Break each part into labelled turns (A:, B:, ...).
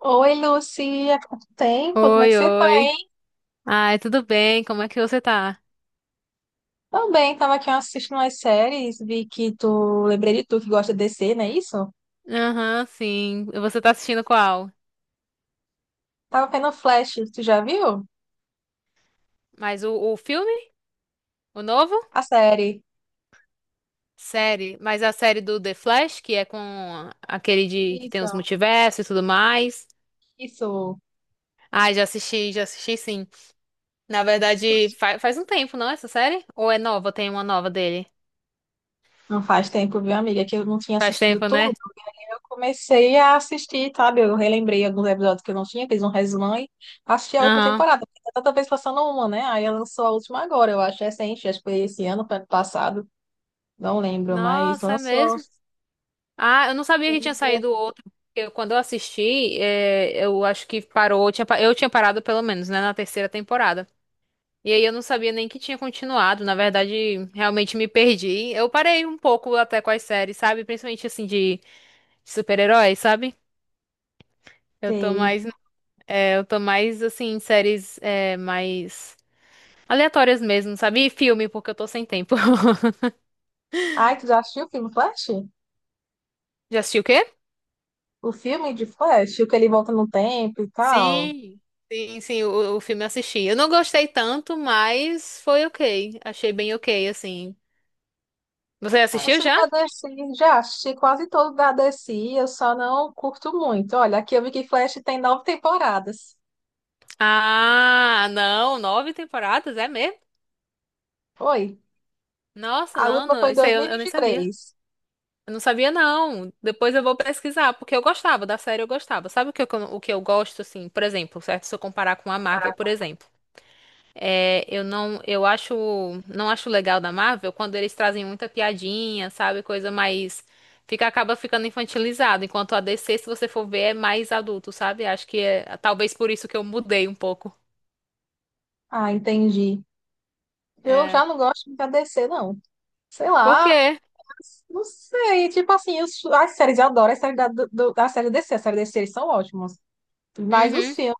A: Oi, Lucy, há quanto tempo? Como é que
B: Oi,
A: você tá,
B: oi.
A: hein?
B: Ai, tudo bem? Como é que você tá?
A: Também, tava aqui assistindo umas séries, vi que tu, lembrei de tu que gosta de DC, não é isso?
B: Aham, sim. Você tá assistindo qual?
A: Tava vendo Flash, tu já viu?
B: Mas o filme? O novo?
A: A série.
B: Série. Mas a série do The Flash, que é com aquele de que tem
A: Isso,
B: os multiversos e tudo mais.
A: isso.
B: Ai, já assisti sim. Na verdade, faz um tempo, não, essa série? Ou é nova? Tem uma nova dele?
A: Não faz tempo, viu, amiga, que eu não tinha
B: Faz
A: assistido
B: tempo,
A: tudo.
B: né?
A: Eu comecei a assistir, sabe? Eu relembrei alguns episódios que eu não tinha, fiz um resumão e assisti a última
B: Aham.
A: temporada. Porque tá tanta vez passando uma, né? Aí ela lançou a última agora, eu acho recente, acho que foi esse ano, foi ano passado. Não lembro, mas
B: Nossa, é
A: lançou.
B: mesmo? Ah, eu não sabia que tinha saído outro. Quando eu assisti, eu acho que parou. Eu tinha parado pelo menos, né, na terceira temporada. E aí eu não sabia nem que tinha continuado. Na verdade, realmente me perdi. Eu parei um pouco até com as séries, sabe? Principalmente assim de super-heróis, sabe? Eu tô
A: Sei.
B: mais, eu tô mais assim em séries mais aleatórias mesmo, sabe? E filme, porque eu tô sem tempo.
A: Ai, tu já assistiu o filme Flash?
B: Já assistiu o quê?
A: O filme de Flash, o que ele volta no tempo e tal.
B: Sim, sim, sim, o filme eu assisti. Eu não gostei tanto, mas foi ok. Achei bem ok, assim. Você
A: O
B: assistiu
A: filme
B: já?
A: da DC, já assisti quase todo da DC, eu só não curto muito. Olha, aqui eu vi que Flash tem nove temporadas.
B: Ah, não, nove temporadas, é mesmo?
A: Oi.
B: Nossa,
A: A
B: não,
A: última foi
B: não,
A: em
B: isso
A: dois
B: aí eu,
A: mil e
B: eu
A: vinte
B: nem
A: e
B: sabia.
A: três.
B: Eu não sabia, não. Depois eu vou pesquisar, porque eu gostava, da série eu gostava. Sabe o que eu gosto, assim, por exemplo, certo? Se eu comparar com a Marvel, por exemplo. É, eu não, eu acho, não acho legal da Marvel quando eles trazem muita piadinha, sabe? Coisa mais fica acaba ficando infantilizado, enquanto a DC, se você for ver, é mais adulto, sabe? Acho que é talvez por isso que eu mudei um pouco.
A: Ah, entendi. Eu
B: É.
A: já não gosto muito da DC, não. Sei
B: Por
A: lá,
B: quê?
A: não sei. Tipo assim, as séries, eu adoro as séries da série DC. As séries DC eles são ótimas. Mas os
B: Uhum.
A: filmes.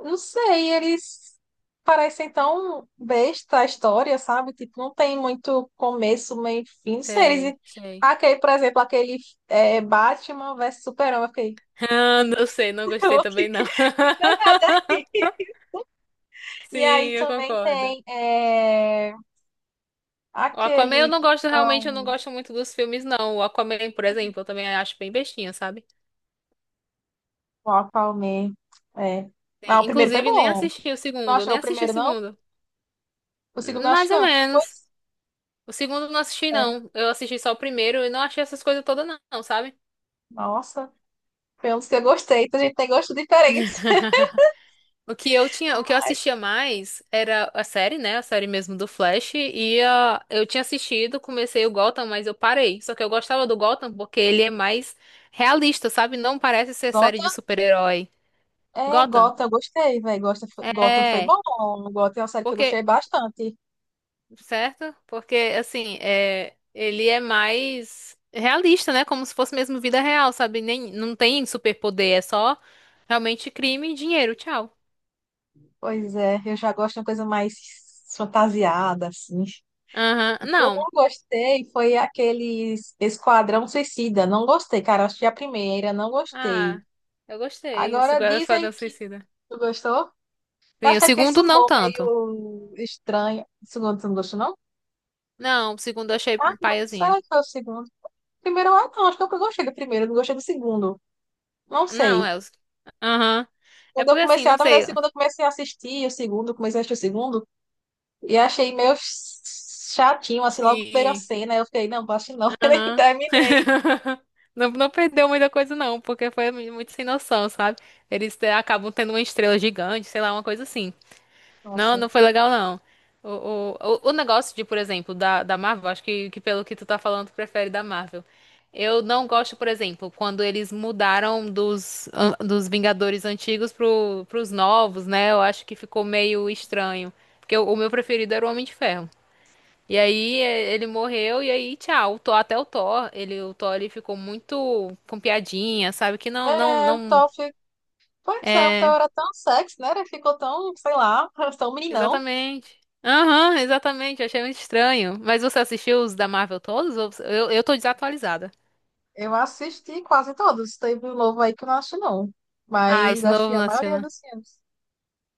A: Não sei, eles parecem tão besta a história, sabe? Tipo, não tem muito começo, meio e fim. Não sei, eles.
B: Sei, sei.
A: Aquele, por exemplo, aquele Batman versus Superman, eu fiquei,
B: Ah, não sei, não gostei
A: "Ô, que,
B: também
A: que
B: não.
A: danada.
B: Sim,
A: E aí
B: eu
A: também
B: concordo.
A: tem
B: O Aquaman eu
A: aquele
B: não
A: que
B: gosto, realmente eu não
A: são
B: gosto muito dos filmes não. O Aquaman, por exemplo, eu também acho bem bestinha, sabe?
A: o Aquaman. É.
B: Sim,
A: Ah, o primeiro foi
B: inclusive, nem
A: bom.
B: assisti o
A: Não
B: segundo,
A: achou
B: nem
A: o
B: assisti o
A: primeiro, não?
B: segundo.
A: O segundo, acho
B: Mais
A: que
B: ou
A: não.
B: menos.
A: Pois,
B: O segundo eu não assisti,
A: sério.
B: não. Eu assisti só o primeiro e não achei essas coisas todas, não, não, sabe?
A: Nossa, foi um dos que eu gostei. Então a gente tem gostos diferentes.
B: O que eu assistia mais era a série, né? A série mesmo do Flash. Eu tinha assistido, comecei o Gotham, mas eu parei. Só que eu gostava do Gotham porque ele é mais realista, sabe? Não parece ser série de super-herói.
A: É,
B: Gotham?
A: Gotham, eu gostei, velho. Gotham, Gotham foi
B: É.
A: bom. Gotham é uma série que eu gostei
B: Porque
A: bastante.
B: certo? Porque, assim, ele é mais realista, né? Como se fosse mesmo vida real, sabe? Nem, não tem superpoder, é só realmente crime e dinheiro. Tchau.
A: Pois é, eu já gosto de uma coisa mais fantasiada, assim.
B: Aham,
A: O que eu não
B: não.
A: gostei foi aquele Esquadrão Suicida. Não gostei, cara. Eu assisti a primeira, não gostei.
B: Ah, eu gostei. O
A: Agora
B: Segundo
A: dizem
B: Esquadrão
A: que
B: Suicida.
A: tu gostou. Eu
B: Sim,
A: acho
B: o
A: que é porque esse
B: segundo não
A: humor
B: tanto.
A: meio estranho. O segundo, tu não gostou, não?
B: Não, o segundo eu achei
A: Ah, não.
B: paiazinho.
A: Será que foi o segundo? Primeiro, ah, não. Acho que eu gostei do primeiro, não gostei do segundo. Não
B: Não,
A: sei.
B: é os... Aham. É
A: Quando eu
B: porque, assim,
A: comecei,
B: não
A: na verdade,
B: sei...
A: assim, quando eu comecei a assistir o segundo, eu comecei a assistir o segundo, e achei meio chatinho, assim, logo a primeira
B: Sim.
A: cena, eu fiquei, não, acho não, nem
B: Aham.
A: terminei.
B: Não, não perdeu muita coisa, não, porque foi muito sem noção, sabe? Eles acabam tendo uma estrela gigante, sei lá, uma coisa assim. Não,
A: Nossa.
B: não foi legal, não. O, o negócio de, por exemplo, da Marvel, acho que pelo que tu tá falando, tu prefere da Marvel. Eu não gosto, por exemplo, quando eles mudaram dos Vingadores antigos pros novos, né? Eu acho que ficou meio estranho. Porque o meu preferido era o Homem de Ferro. E aí ele morreu e aí tchau. O Thor, até o Thor, o Thor ele ficou muito com piadinha, sabe? Que não, não,
A: É, o
B: não.
A: Toph, pois é, o
B: É,
A: Toph era tão sexy, né? Ele ficou tão, sei lá, tão meninão.
B: exatamente. Aham, exatamente. Eu achei muito estranho. Mas você assistiu os da Marvel todos? Eu tô desatualizada.
A: Eu assisti quase todos, teve um novo aí que eu não acho não,
B: Ah,
A: mas
B: esse
A: acho que
B: novo
A: a
B: não assisti,
A: maioria
B: não.
A: dos filmes.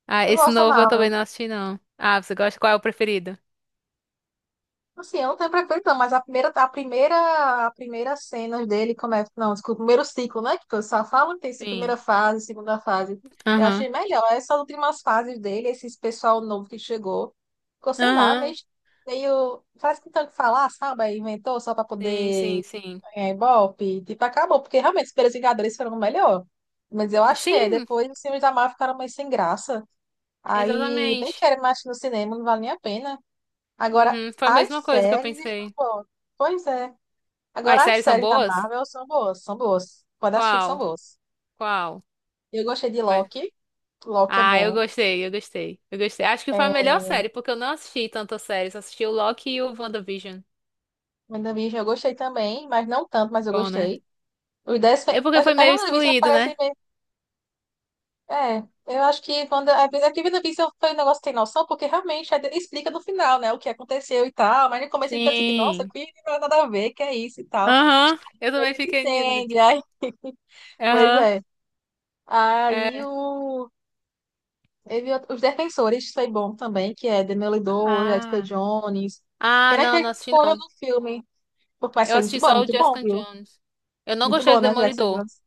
B: Ah,
A: Eu
B: esse
A: gosto da
B: novo eu
A: Marvel.
B: também não assisti, não. Ah, você gosta? Qual é o preferido?
A: Assim, eu não tenho preferência, não, mas a primeira cena dele começa. Não, desculpa, o primeiro ciclo, né? Que eu só falo que tem essa primeira
B: Sim.
A: fase, segunda fase. Eu
B: Aham.
A: achei melhor. Essas últimas fases dele, esse pessoal novo que chegou, ficou, sei lá, meio,
B: Aham.
A: meio. Faz que tanto falar, sabe? Aí inventou só para
B: Sim, sim,
A: poder
B: sim.
A: ganhar Ibope. Tipo, acabou, porque realmente os primeiros Vingadores foram o melhor. Mas eu achei.
B: Sim,
A: Depois os filmes da Marvel ficaram meio sem graça. Aí nem
B: exatamente.
A: quero mais ir no cinema, não vale nem a pena. Agora,
B: Uhum. Foi a
A: as
B: mesma coisa que eu
A: séries estão
B: pensei.
A: boas. Pois é.
B: As
A: Agora, as
B: séries são
A: séries da
B: boas?
A: Marvel são boas, são boas. Pode assistir que são
B: Qual?
A: boas.
B: Qual?
A: Eu gostei de
B: Mas...
A: Loki. Loki é
B: Ah, eu
A: bom.
B: gostei, eu gostei. Eu gostei. Acho que foi a
A: É,
B: melhor série, porque eu não assisti tanta série, só assisti o Loki e o WandaVision.
A: WandaVision eu gostei também, mas não tanto, mas eu
B: Bom, né?
A: gostei. Os 10,
B: É porque
A: As
B: foi
A: as
B: meio
A: WandaVision
B: excluído,
A: parecem
B: né?
A: meio. É, eu acho que quando às vezes aqui WandaVision foi um negócio sem noção, porque realmente aí explica no final, né, o que aconteceu e tal, mas no começo ele fica assim, que, nossa,
B: Sim.
A: que nada a ver, que é isso e tal.
B: Aham. Eu
A: A
B: também
A: gente
B: fiquei.
A: entende, aí. Pois
B: Aham.
A: é. Aí
B: É.
A: o Eu vi Os Defensores foi bom também, que é Demolidor, Jessica
B: Ah.
A: Jones.
B: Ah,
A: Pena que
B: não,
A: eles
B: não
A: não
B: assisti
A: foram
B: não.
A: no filme. Mas
B: Eu
A: foi
B: assisti só o
A: muito bom,
B: Jessica
A: viu?
B: Jones. Eu não
A: Muito
B: gostei
A: bom,
B: do
A: né, Jessica
B: Demolidor.
A: Jones?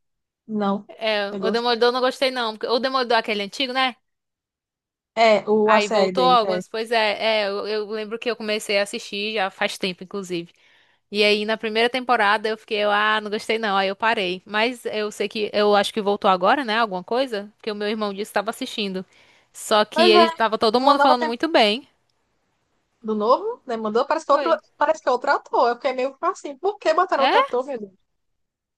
A: Não,
B: É,
A: eu
B: o
A: gosto.
B: Demolidor eu não gostei não, porque o Demolidor é aquele antigo, né?
A: É, a
B: Aí
A: série
B: voltou
A: deles, é.
B: algumas, pois é, eu lembro que eu comecei a assistir já faz tempo, inclusive. E aí, na primeira temporada, eu fiquei, ah, não gostei não, aí eu parei. Mas eu acho que voltou agora, né, alguma coisa, porque o meu irmão disse que estava assistindo. Só que
A: Pois é,
B: ele tava todo
A: uma
B: mundo
A: nova
B: falando muito
A: temporada.
B: bem.
A: Do novo, né? Mandou, parece que outro,
B: Oi.
A: parece que é outro ator. Eu fiquei meio assim, por que botaram
B: É?
A: outro ator, meu.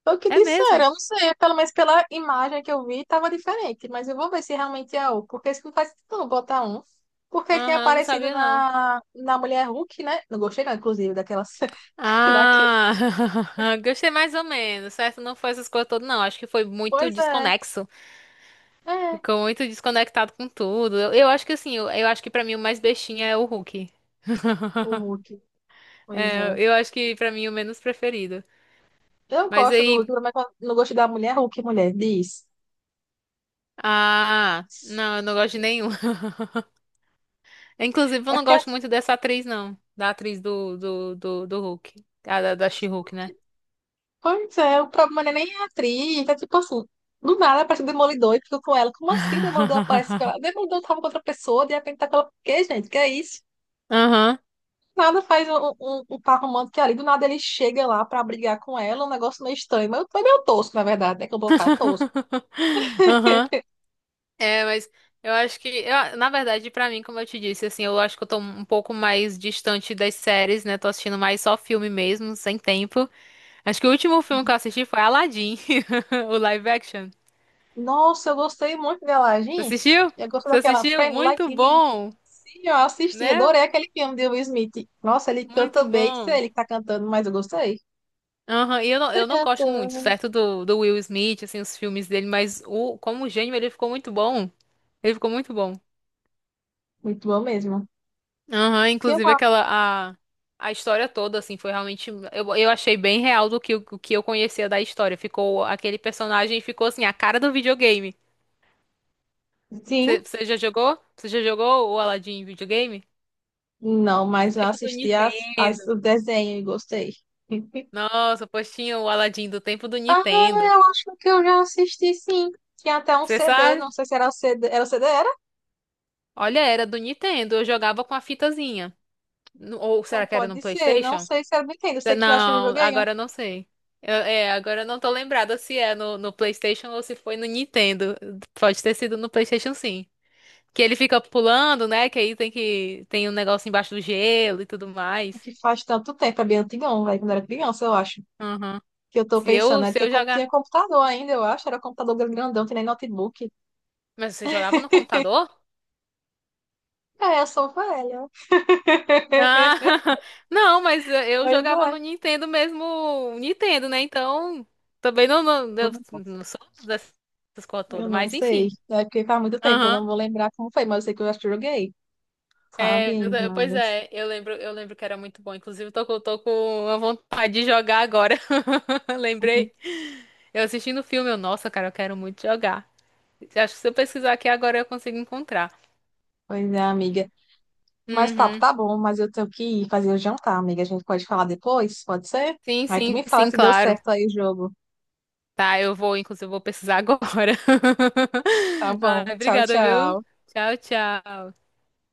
A: Foi o que
B: É
A: disseram,
B: mesmo?
A: eu não sei, é pelo menos pela imagem que eu vi, estava diferente, mas eu vou ver se realmente é um, porque isso não faz sentido não botar um, porque ele tem
B: Aham, não
A: aparecido
B: sabia não.
A: na Mulher Hulk, né? Não gostei não, inclusive, daquela cena, daquele.
B: Ah, gostei mais ou menos, certo? Não foi essas coisas todas, não. Acho que foi muito
A: Pois é,
B: desconexo.
A: é,
B: Ficou muito desconectado com tudo. Eu acho que assim, eu acho que pra mim o mais bestinha é o Hulk.
A: o Hulk, pois
B: É,
A: é.
B: eu acho que pra mim o menos preferido.
A: Eu
B: Mas
A: gosto do
B: aí.
A: Hulk, mas eu não gostei da Mulher Hulk, mulher, diz.
B: Ah, não, eu não gosto de nenhum. Inclusive, eu
A: É
B: não
A: porque,
B: gosto muito dessa atriz, não. Da atriz do Hulk. Ah, da She-Hulk, né?
A: pois é, o problema não é nem a atriz, é tipo assim, do nada aparece o Demolidor e fica com ela. Como assim o Demolidor aparece com ela? O Demolidor tava com outra pessoa, de repente tá com ela. Por quê, gente? Que é isso?
B: Aham.
A: Nada faz um par romântico que ali do nada ele chega lá pra brigar com ela, um negócio meio estranho. Mas foi meio tosco, na verdade, né? Que eu vou falar tosco.
B: Aham. É, mas eu acho que, eu- na verdade, pra mim, como eu te disse, assim, eu acho que eu tô um pouco mais distante das séries, né? Tô assistindo mais só filme mesmo, sem tempo. Acho que o último filme que eu assisti foi Aladdin, o live action.
A: Nossa, eu gostei muito dela,
B: Você
A: gente.
B: assistiu?
A: Eu gostei
B: Você
A: daquela
B: assistiu?
A: Friend
B: Muito
A: Like Me.
B: bom,
A: Sim, eu assisti,
B: né?
A: adorei aquele filme de Will Smith. Nossa, ele
B: Muito
A: canta bem, sei
B: bom.
A: ele que tá cantando, mas eu gostei.
B: Aham, e eu não,
A: Tá
B: eu não gosto muito,
A: cantando.
B: certo, do Will Smith, assim, os filmes dele, mas como gênio ele ficou muito bom. Ele ficou muito bom.
A: Muito bom mesmo.
B: Aham,
A: Tem
B: inclusive
A: uma.
B: a história toda, assim, foi realmente, eu achei bem real o que eu conhecia da história. Aquele personagem ficou, assim, a cara do videogame.
A: Sim,
B: Você já jogou? Você já jogou o Aladdin em videogame?
A: não,
B: Do
A: mas eu
B: tempo do
A: assisti
B: Nintendo.
A: o desenho e gostei.
B: Nossa, pois tinha o Aladdin do tempo do
A: Ah,
B: Nintendo.
A: eu acho que eu já assisti sim. Tinha até um
B: Você
A: CD,
B: sabe?
A: não sei se era o CD. Era o CD, era?
B: Olha, era do Nintendo, eu jogava com a fitazinha. Ou
A: Então
B: será que era no
A: pode ser. Não
B: PlayStation?
A: sei se era do Nintendo. Sei que eu acho que eu
B: Não,
A: joguei um.
B: agora eu não sei. Agora eu não tô lembrada se é no PlayStation ou se foi no Nintendo. Pode ter sido no PlayStation, sim. Que ele fica pulando, né? Que aí tem um negócio embaixo do gelo e tudo
A: É
B: mais.
A: que faz tanto tempo, é bem antigão, velho, quando eu era criança, eu acho.
B: Aham.
A: Que eu tô
B: Se
A: pensando,
B: eu
A: né?
B: se
A: Tinha,
B: eu
A: com-
B: jogar,
A: tinha computador ainda, eu acho. Era computador grandão, tinha nem notebook.
B: mas você jogava no computador?
A: É, eu sou velha.
B: Ah, não, mas eu
A: Pois
B: jogava
A: é.
B: no Nintendo mesmo, Nintendo, né? Então também não não,
A: Eu
B: eu
A: não
B: não sou dessas coisas
A: eu
B: todas,
A: não
B: mas
A: sei.
B: enfim.
A: É porque faz muito tempo, eu
B: Aham.
A: não vou lembrar como foi, mas eu sei que eu acho que eu joguei.
B: É,
A: Sabe?
B: pois
A: Mas.
B: é, eu lembro que era muito bom. Inclusive, tô com uma vontade de jogar agora. Lembrei. Eu assistindo o filme, nossa, cara, eu quero muito jogar. Acho que se eu pesquisar aqui agora eu consigo encontrar.
A: Pois é, amiga. Mas tá,
B: Uhum.
A: tá bom, mas eu tenho que ir fazer o jantar, amiga. A gente pode falar depois, pode ser?
B: Sim,
A: Aí tu
B: sim,
A: me fala
B: sim,
A: se deu
B: claro.
A: certo aí o jogo.
B: Tá, eu vou, inclusive, eu vou pesquisar agora.
A: Tá bom,
B: Ai,
A: tchau,
B: obrigada, viu?
A: tchau.
B: Tchau, tchau.